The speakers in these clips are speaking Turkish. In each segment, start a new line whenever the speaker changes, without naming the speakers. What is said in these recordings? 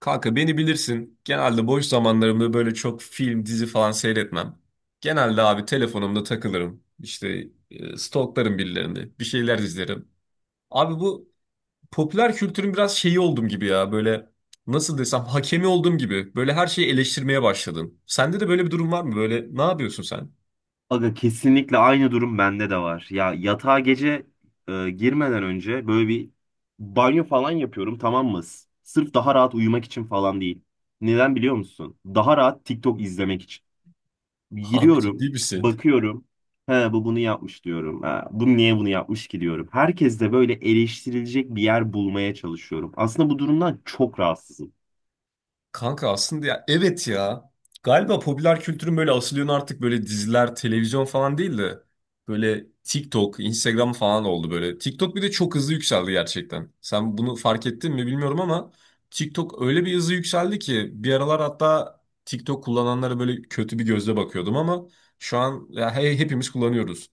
Kanka beni bilirsin. Genelde boş zamanlarımda böyle çok film, dizi falan seyretmem. Genelde abi telefonumda takılırım. İşte stalklarım birilerini. Bir şeyler izlerim. Abi bu popüler kültürün biraz şeyi oldum gibi ya. Böyle nasıl desem hakemi olduğum gibi. Böyle her şeyi eleştirmeye başladım. Sende de böyle bir durum var mı? Böyle ne yapıyorsun sen?
Aga kesinlikle aynı durum bende de var. Ya yatağa gece girmeden önce böyle bir banyo falan yapıyorum, tamam mı? Sırf daha rahat uyumak için falan değil. Neden biliyor musun? Daha rahat TikTok izlemek için.
Abi
Giriyorum,
ciddi misin?
bakıyorum. He, bu bunu yapmış diyorum. Ha, bu niye bunu yapmış ki diyorum. Herkes de böyle eleştirilecek bir yer bulmaya çalışıyorum. Aslında bu durumdan çok rahatsızım.
Kanka aslında ya evet ya. Galiba popüler kültürün böyle asıl yönü artık böyle diziler, televizyon falan değil de böyle TikTok, Instagram falan oldu böyle. TikTok bir de çok hızlı yükseldi gerçekten. Sen bunu fark ettin mi bilmiyorum ama TikTok öyle bir hızlı yükseldi ki bir aralar hatta TikTok kullananlara böyle kötü bir gözle bakıyordum ama şu an ya hepimiz kullanıyoruz.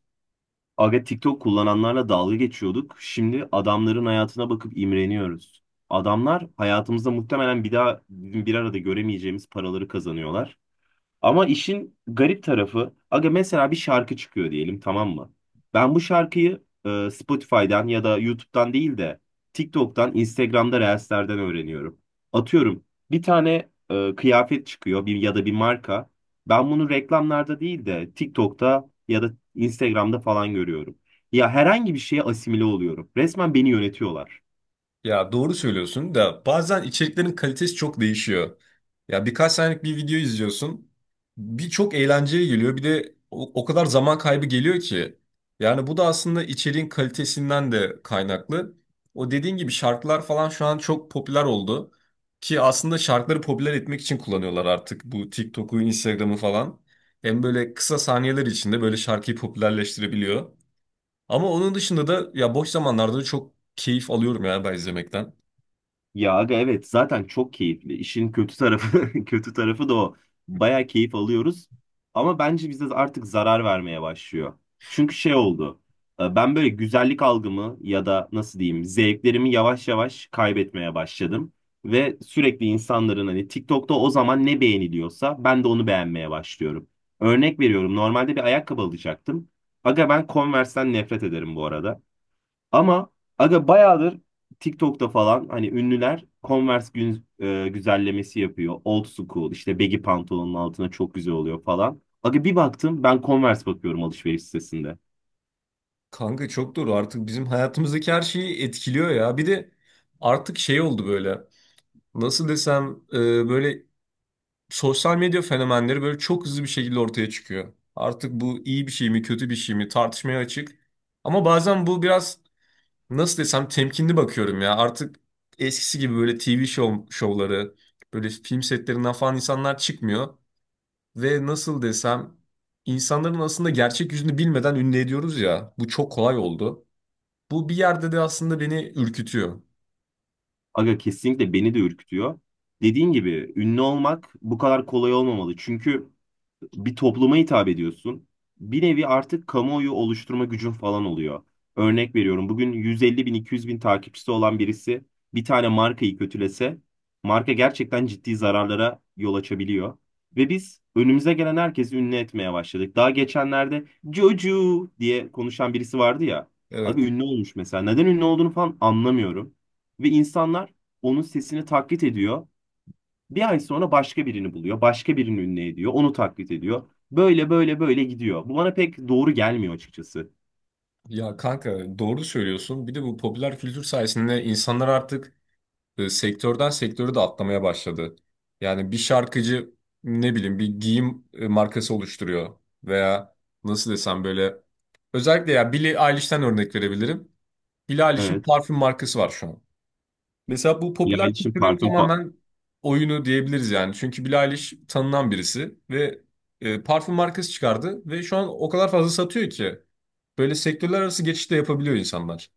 Aga, TikTok kullananlarla dalga geçiyorduk. Şimdi adamların hayatına bakıp imreniyoruz. Adamlar hayatımızda muhtemelen bir daha bizim bir arada göremeyeceğimiz paraları kazanıyorlar. Ama işin garip tarafı, aga, mesela bir şarkı çıkıyor diyelim, tamam mı? Ben bu şarkıyı Spotify'dan ya da YouTube'dan değil de TikTok'tan, Instagram'da Reels'lerden öğreniyorum. Atıyorum, bir tane kıyafet çıkıyor, bir ya da bir marka. Ben bunu reklamlarda değil de TikTok'ta ya da Instagram'da falan görüyorum. Ya, herhangi bir şeye asimile oluyorum. Resmen beni yönetiyorlar.
Ya doğru söylüyorsun da bazen içeriklerin kalitesi çok değişiyor. Ya birkaç saniyelik bir video izliyorsun. Bir çok eğlenceli geliyor bir de o kadar zaman kaybı geliyor ki. Yani bu da aslında içeriğin kalitesinden de kaynaklı. O dediğin gibi şarkılar falan şu an çok popüler oldu. Ki aslında şarkıları popüler etmek için kullanıyorlar artık bu TikTok'u, Instagram'ı falan. Hem böyle kısa saniyeler içinde böyle şarkıyı popülerleştirebiliyor. Ama onun dışında da ya boş zamanlarda da çok keyif alıyorum ya ben izlemekten.
Ya aga, evet, zaten çok keyifli. İşin kötü tarafı kötü tarafı da o. Baya keyif alıyoruz. Ama bence bize artık zarar vermeye başlıyor. Çünkü şey oldu. Ben böyle güzellik algımı ya da nasıl diyeyim, zevklerimi yavaş yavaş kaybetmeye başladım. Ve sürekli insanların hani TikTok'ta o zaman ne beğeniliyorsa, ben de onu beğenmeye başlıyorum. Örnek veriyorum, normalde bir ayakkabı alacaktım. Aga, ben Converse'ten nefret ederim bu arada. Ama aga bayağıdır TikTok'ta falan hani ünlüler Converse güzellemesi yapıyor. Old school, işte baggy pantolonun altına çok güzel oluyor falan. Aga bir baktım, ben Converse bakıyorum alışveriş sitesinde.
Kanka çok doğru artık bizim hayatımızdaki her şeyi etkiliyor ya. Bir de artık şey oldu böyle. Nasıl desem böyle sosyal medya fenomenleri böyle çok hızlı bir şekilde ortaya çıkıyor. Artık bu iyi bir şey mi kötü bir şey mi tartışmaya açık. Ama bazen bu biraz nasıl desem temkinli bakıyorum ya. Artık eskisi gibi böyle TV show, şovları böyle film setlerinden falan insanlar çıkmıyor. Ve nasıl desem insanların aslında gerçek yüzünü bilmeden ünlü ediyoruz ya. Bu çok kolay oldu. Bu bir yerde de aslında beni ürkütüyor.
Aga kesinlikle beni de ürkütüyor. Dediğin gibi ünlü olmak bu kadar kolay olmamalı. Çünkü bir topluma hitap ediyorsun. Bir nevi artık kamuoyu oluşturma gücün falan oluyor. Örnek veriyorum, bugün 150 bin 200 bin takipçisi olan birisi bir tane markayı kötülese, marka gerçekten ciddi zararlara yol açabiliyor. Ve biz önümüze gelen herkesi ünlü etmeye başladık. Daha geçenlerde Joju diye konuşan birisi vardı ya. Abi
Evet.
ünlü olmuş mesela. Neden ünlü olduğunu falan anlamıyorum. Ve insanlar onun sesini taklit ediyor. Bir ay sonra başka birini buluyor. Başka birini ünlü ediyor. Onu taklit ediyor. Böyle böyle böyle gidiyor. Bu bana pek doğru gelmiyor açıkçası.
Ya kanka doğru söylüyorsun. Bir de bu popüler kültür sayesinde insanlar artık sektörden sektörü de atlamaya başladı. Yani bir şarkıcı ne bileyim bir giyim markası oluşturuyor veya nasıl desem böyle özellikle ya Billie Eilish'ten örnek verebilirim. Billie Eilish'in
Evet.
parfüm markası var şu an. Mesela bu
Bilal
popüler
için
kültürün
parfüm.
tamamen oyunu diyebiliriz yani. Çünkü Billie Eilish tanınan birisi ve parfüm markası çıkardı ve şu an o kadar fazla satıyor ki böyle sektörler arası geçiş de yapabiliyor insanlar.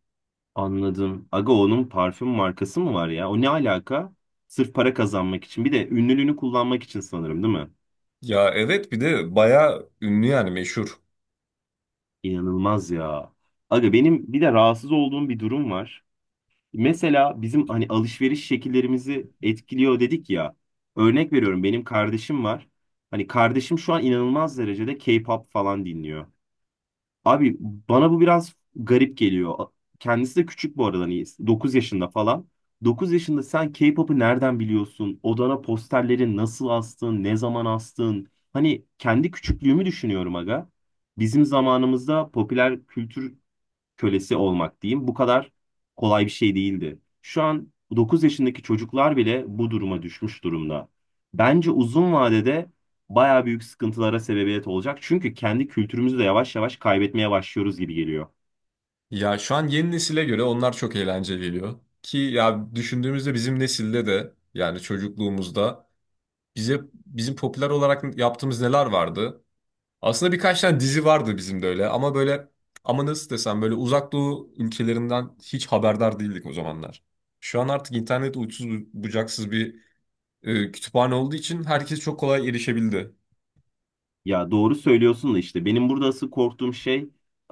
Anladım. Aga, onun parfüm markası mı var ya? O ne alaka? Sırf para kazanmak için. Bir de ünlülüğünü kullanmak için sanırım, değil mi?
Ya evet bir de bayağı ünlü yani meşhur.
İnanılmaz ya. Aga benim bir de rahatsız olduğum bir durum var. Mesela bizim hani alışveriş şekillerimizi etkiliyor dedik ya. Örnek veriyorum, benim kardeşim var. Hani kardeşim şu an inanılmaz derecede K-pop falan dinliyor. Abi bana bu biraz garip geliyor. Kendisi de küçük bu arada, hani 9 yaşında falan. 9 yaşında sen K-pop'u nereden biliyorsun? Odana posterleri nasıl astın? Ne zaman astın? Hani kendi küçüklüğümü düşünüyorum aga. Bizim zamanımızda popüler kültür kölesi olmak diyeyim, bu kadar kolay bir şey değildi. Şu an 9 yaşındaki çocuklar bile bu duruma düşmüş durumda. Bence uzun vadede bayağı büyük sıkıntılara sebebiyet olacak. Çünkü kendi kültürümüzü de yavaş yavaş kaybetmeye başlıyoruz gibi geliyor.
Ya şu an yeni nesile göre onlar çok eğlenceli geliyor. Ki ya düşündüğümüzde bizim nesilde de yani çocukluğumuzda bize bizim popüler olarak yaptığımız neler vardı? Aslında birkaç tane dizi vardı bizim de öyle ama böyle ama nasıl desem böyle uzak doğu ülkelerinden hiç haberdar değildik o zamanlar. Şu an artık internet uçsuz bucaksız bir kütüphane olduğu için herkes çok kolay erişebildi.
Ya doğru söylüyorsun da işte benim burada asıl korktuğum şey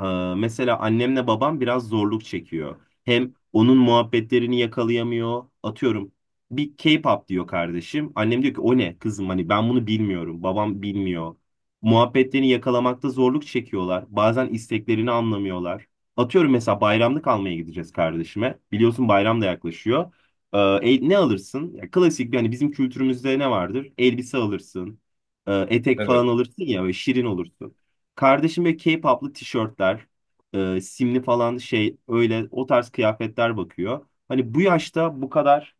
e, mesela annemle babam biraz zorluk çekiyor. Hem onun muhabbetlerini yakalayamıyor. Atıyorum, bir K-pop diyor kardeşim. Annem diyor ki, o ne kızım, hani ben bunu bilmiyorum. Babam bilmiyor. Muhabbetlerini yakalamakta zorluk çekiyorlar. Bazen isteklerini anlamıyorlar. Atıyorum mesela bayramlık almaya gideceğiz kardeşime. Biliyorsun bayram da yaklaşıyor. Ne alırsın? Ya, klasik, bir hani bizim kültürümüzde ne vardır? Elbise alırsın. Etek
Evet.
falan alırsın ya ve şirin olursun. Kardeşim böyle k poplu tişörtler, simli falan şey, öyle o tarz kıyafetler bakıyor. Hani bu yaşta bu kadar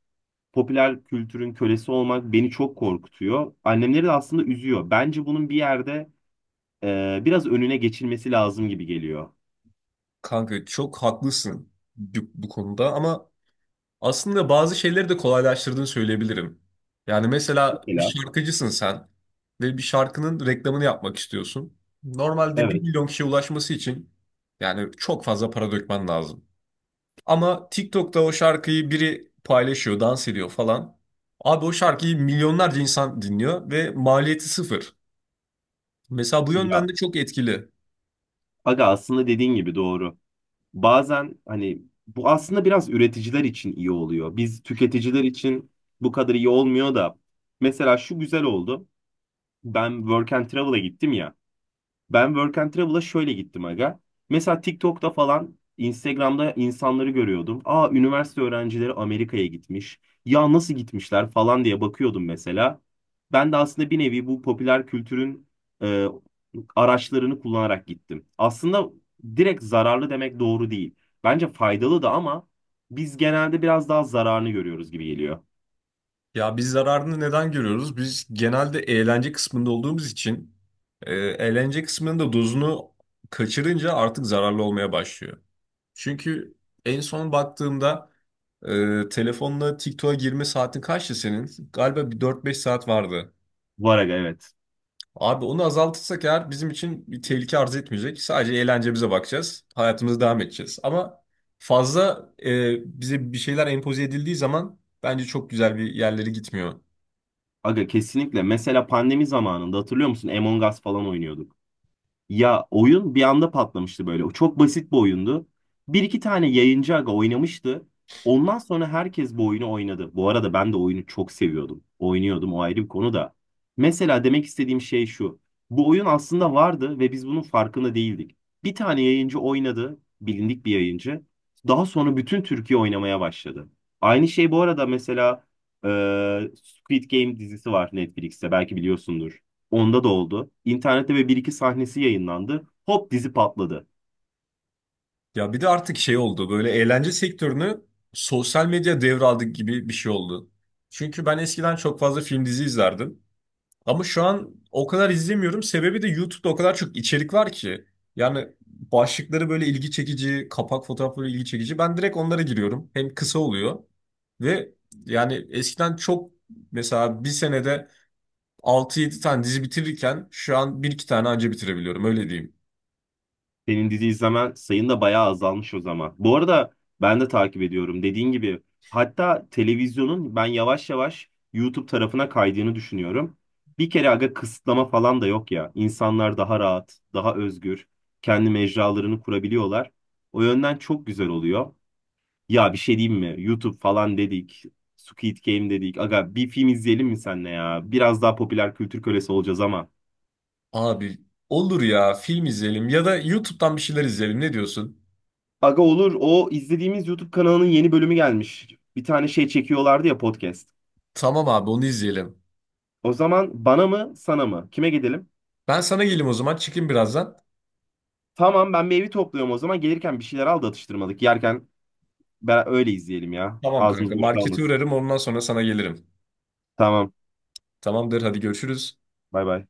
popüler kültürün kölesi olmak beni çok korkutuyor. Annemleri de aslında üzüyor. Bence bunun bir yerde biraz önüne geçilmesi lazım gibi geliyor.
Kanka çok haklısın bu konuda ama aslında bazı şeyleri de kolaylaştırdığını söyleyebilirim. Yani mesela bir
Mesela,
şarkıcısın sen ve bir şarkının reklamını yapmak istiyorsun. Normalde bir
evet
milyon kişiye ulaşması için yani çok fazla para dökmen lazım. Ama TikTok'ta o şarkıyı biri paylaşıyor, dans ediyor falan. Abi o şarkıyı milyonlarca insan dinliyor ve maliyeti sıfır. Mesela bu
ya
yönden de çok etkili.
aga, aslında dediğin gibi doğru. Bazen hani bu aslında biraz üreticiler için iyi oluyor. Biz tüketiciler için bu kadar iyi olmuyor da mesela şu güzel oldu. Ben Work and Travel'a gittim ya. Ben Work and Travel'a şöyle gittim aga. Mesela TikTok'ta falan Instagram'da insanları görüyordum. Aa, üniversite öğrencileri Amerika'ya gitmiş. Ya nasıl gitmişler falan diye bakıyordum mesela. Ben de aslında bir nevi bu popüler kültürün e, araçlarını kullanarak gittim. Aslında direkt zararlı demek doğru değil. Bence faydalı da ama biz genelde biraz daha zararını görüyoruz gibi geliyor.
Ya biz zararını neden görüyoruz? Biz genelde eğlence kısmında olduğumuz için eğlence kısmının da dozunu kaçırınca artık zararlı olmaya başlıyor. Çünkü en son baktığımda telefonla TikTok'a girme saatin kaçtı senin? Galiba bir 4-5 saat vardı.
Var aga, evet.
Abi onu azaltırsak eğer bizim için bir tehlike arz etmeyecek. Sadece eğlencemize bakacağız. Hayatımıza devam edeceğiz. Ama fazla bize bir şeyler empoze edildiği zaman bence çok güzel bir yerlere gitmiyor.
Aga kesinlikle. Mesela pandemi zamanında hatırlıyor musun? Among Us falan oynuyorduk. Ya oyun bir anda patlamıştı böyle. O çok basit bir oyundu. Bir iki tane yayıncı aga oynamıştı. Ondan sonra herkes bu oyunu oynadı. Bu arada ben de oyunu çok seviyordum. Oynuyordum, o ayrı bir konu da. Mesela demek istediğim şey şu. Bu oyun aslında vardı ve biz bunun farkında değildik. Bir tane yayıncı oynadı. Bilindik bir yayıncı. Daha sonra bütün Türkiye oynamaya başladı. Aynı şey bu arada, mesela e, Squid Game dizisi var Netflix'te. Belki biliyorsundur. Onda da oldu. İnternette ve bir iki sahnesi yayınlandı. Hop, dizi patladı.
Ya bir de artık şey oldu. Böyle eğlence sektörünü sosyal medya devraldık gibi bir şey oldu. Çünkü ben eskiden çok fazla film dizi izlerdim. Ama şu an o kadar izlemiyorum. Sebebi de YouTube'da o kadar çok içerik var ki. Yani başlıkları böyle ilgi çekici, kapak fotoğrafları ilgi çekici. Ben direkt onlara giriyorum. Hem kısa oluyor ve yani eskiden çok mesela bir senede 6-7 tane dizi bitirirken şu an bir iki tane anca bitirebiliyorum öyle diyeyim.
Senin dizi izlemen sayın da bayağı azalmış o zaman. Bu arada ben de takip ediyorum dediğin gibi. Hatta televizyonun ben yavaş yavaş YouTube tarafına kaydığını düşünüyorum. Bir kere aga kısıtlama falan da yok ya. İnsanlar daha rahat, daha özgür, kendi mecralarını kurabiliyorlar. O yönden çok güzel oluyor. Ya bir şey diyeyim mi? YouTube falan dedik. Squid Game dedik. Aga bir film izleyelim mi seninle ya? Biraz daha popüler kültür kölesi olacağız ama.
Abi olur ya film izleyelim ya da YouTube'dan bir şeyler izleyelim ne diyorsun?
Aga olur. O izlediğimiz YouTube kanalının yeni bölümü gelmiş. Bir tane şey çekiyorlardı ya, podcast.
Tamam abi onu izleyelim.
O zaman bana mı sana mı? Kime gidelim?
Ben sana geleyim o zaman çıkayım birazdan.
Tamam, ben bir evi topluyorum o zaman. Gelirken bir şeyler al da atıştırmalık. Yerken ben öyle izleyelim ya.
Tamam
Ağzımız
kanka
boş
markete
kalmasın.
uğrarım ondan sonra sana gelirim.
Tamam.
Tamamdır, hadi görüşürüz.
Bay bay.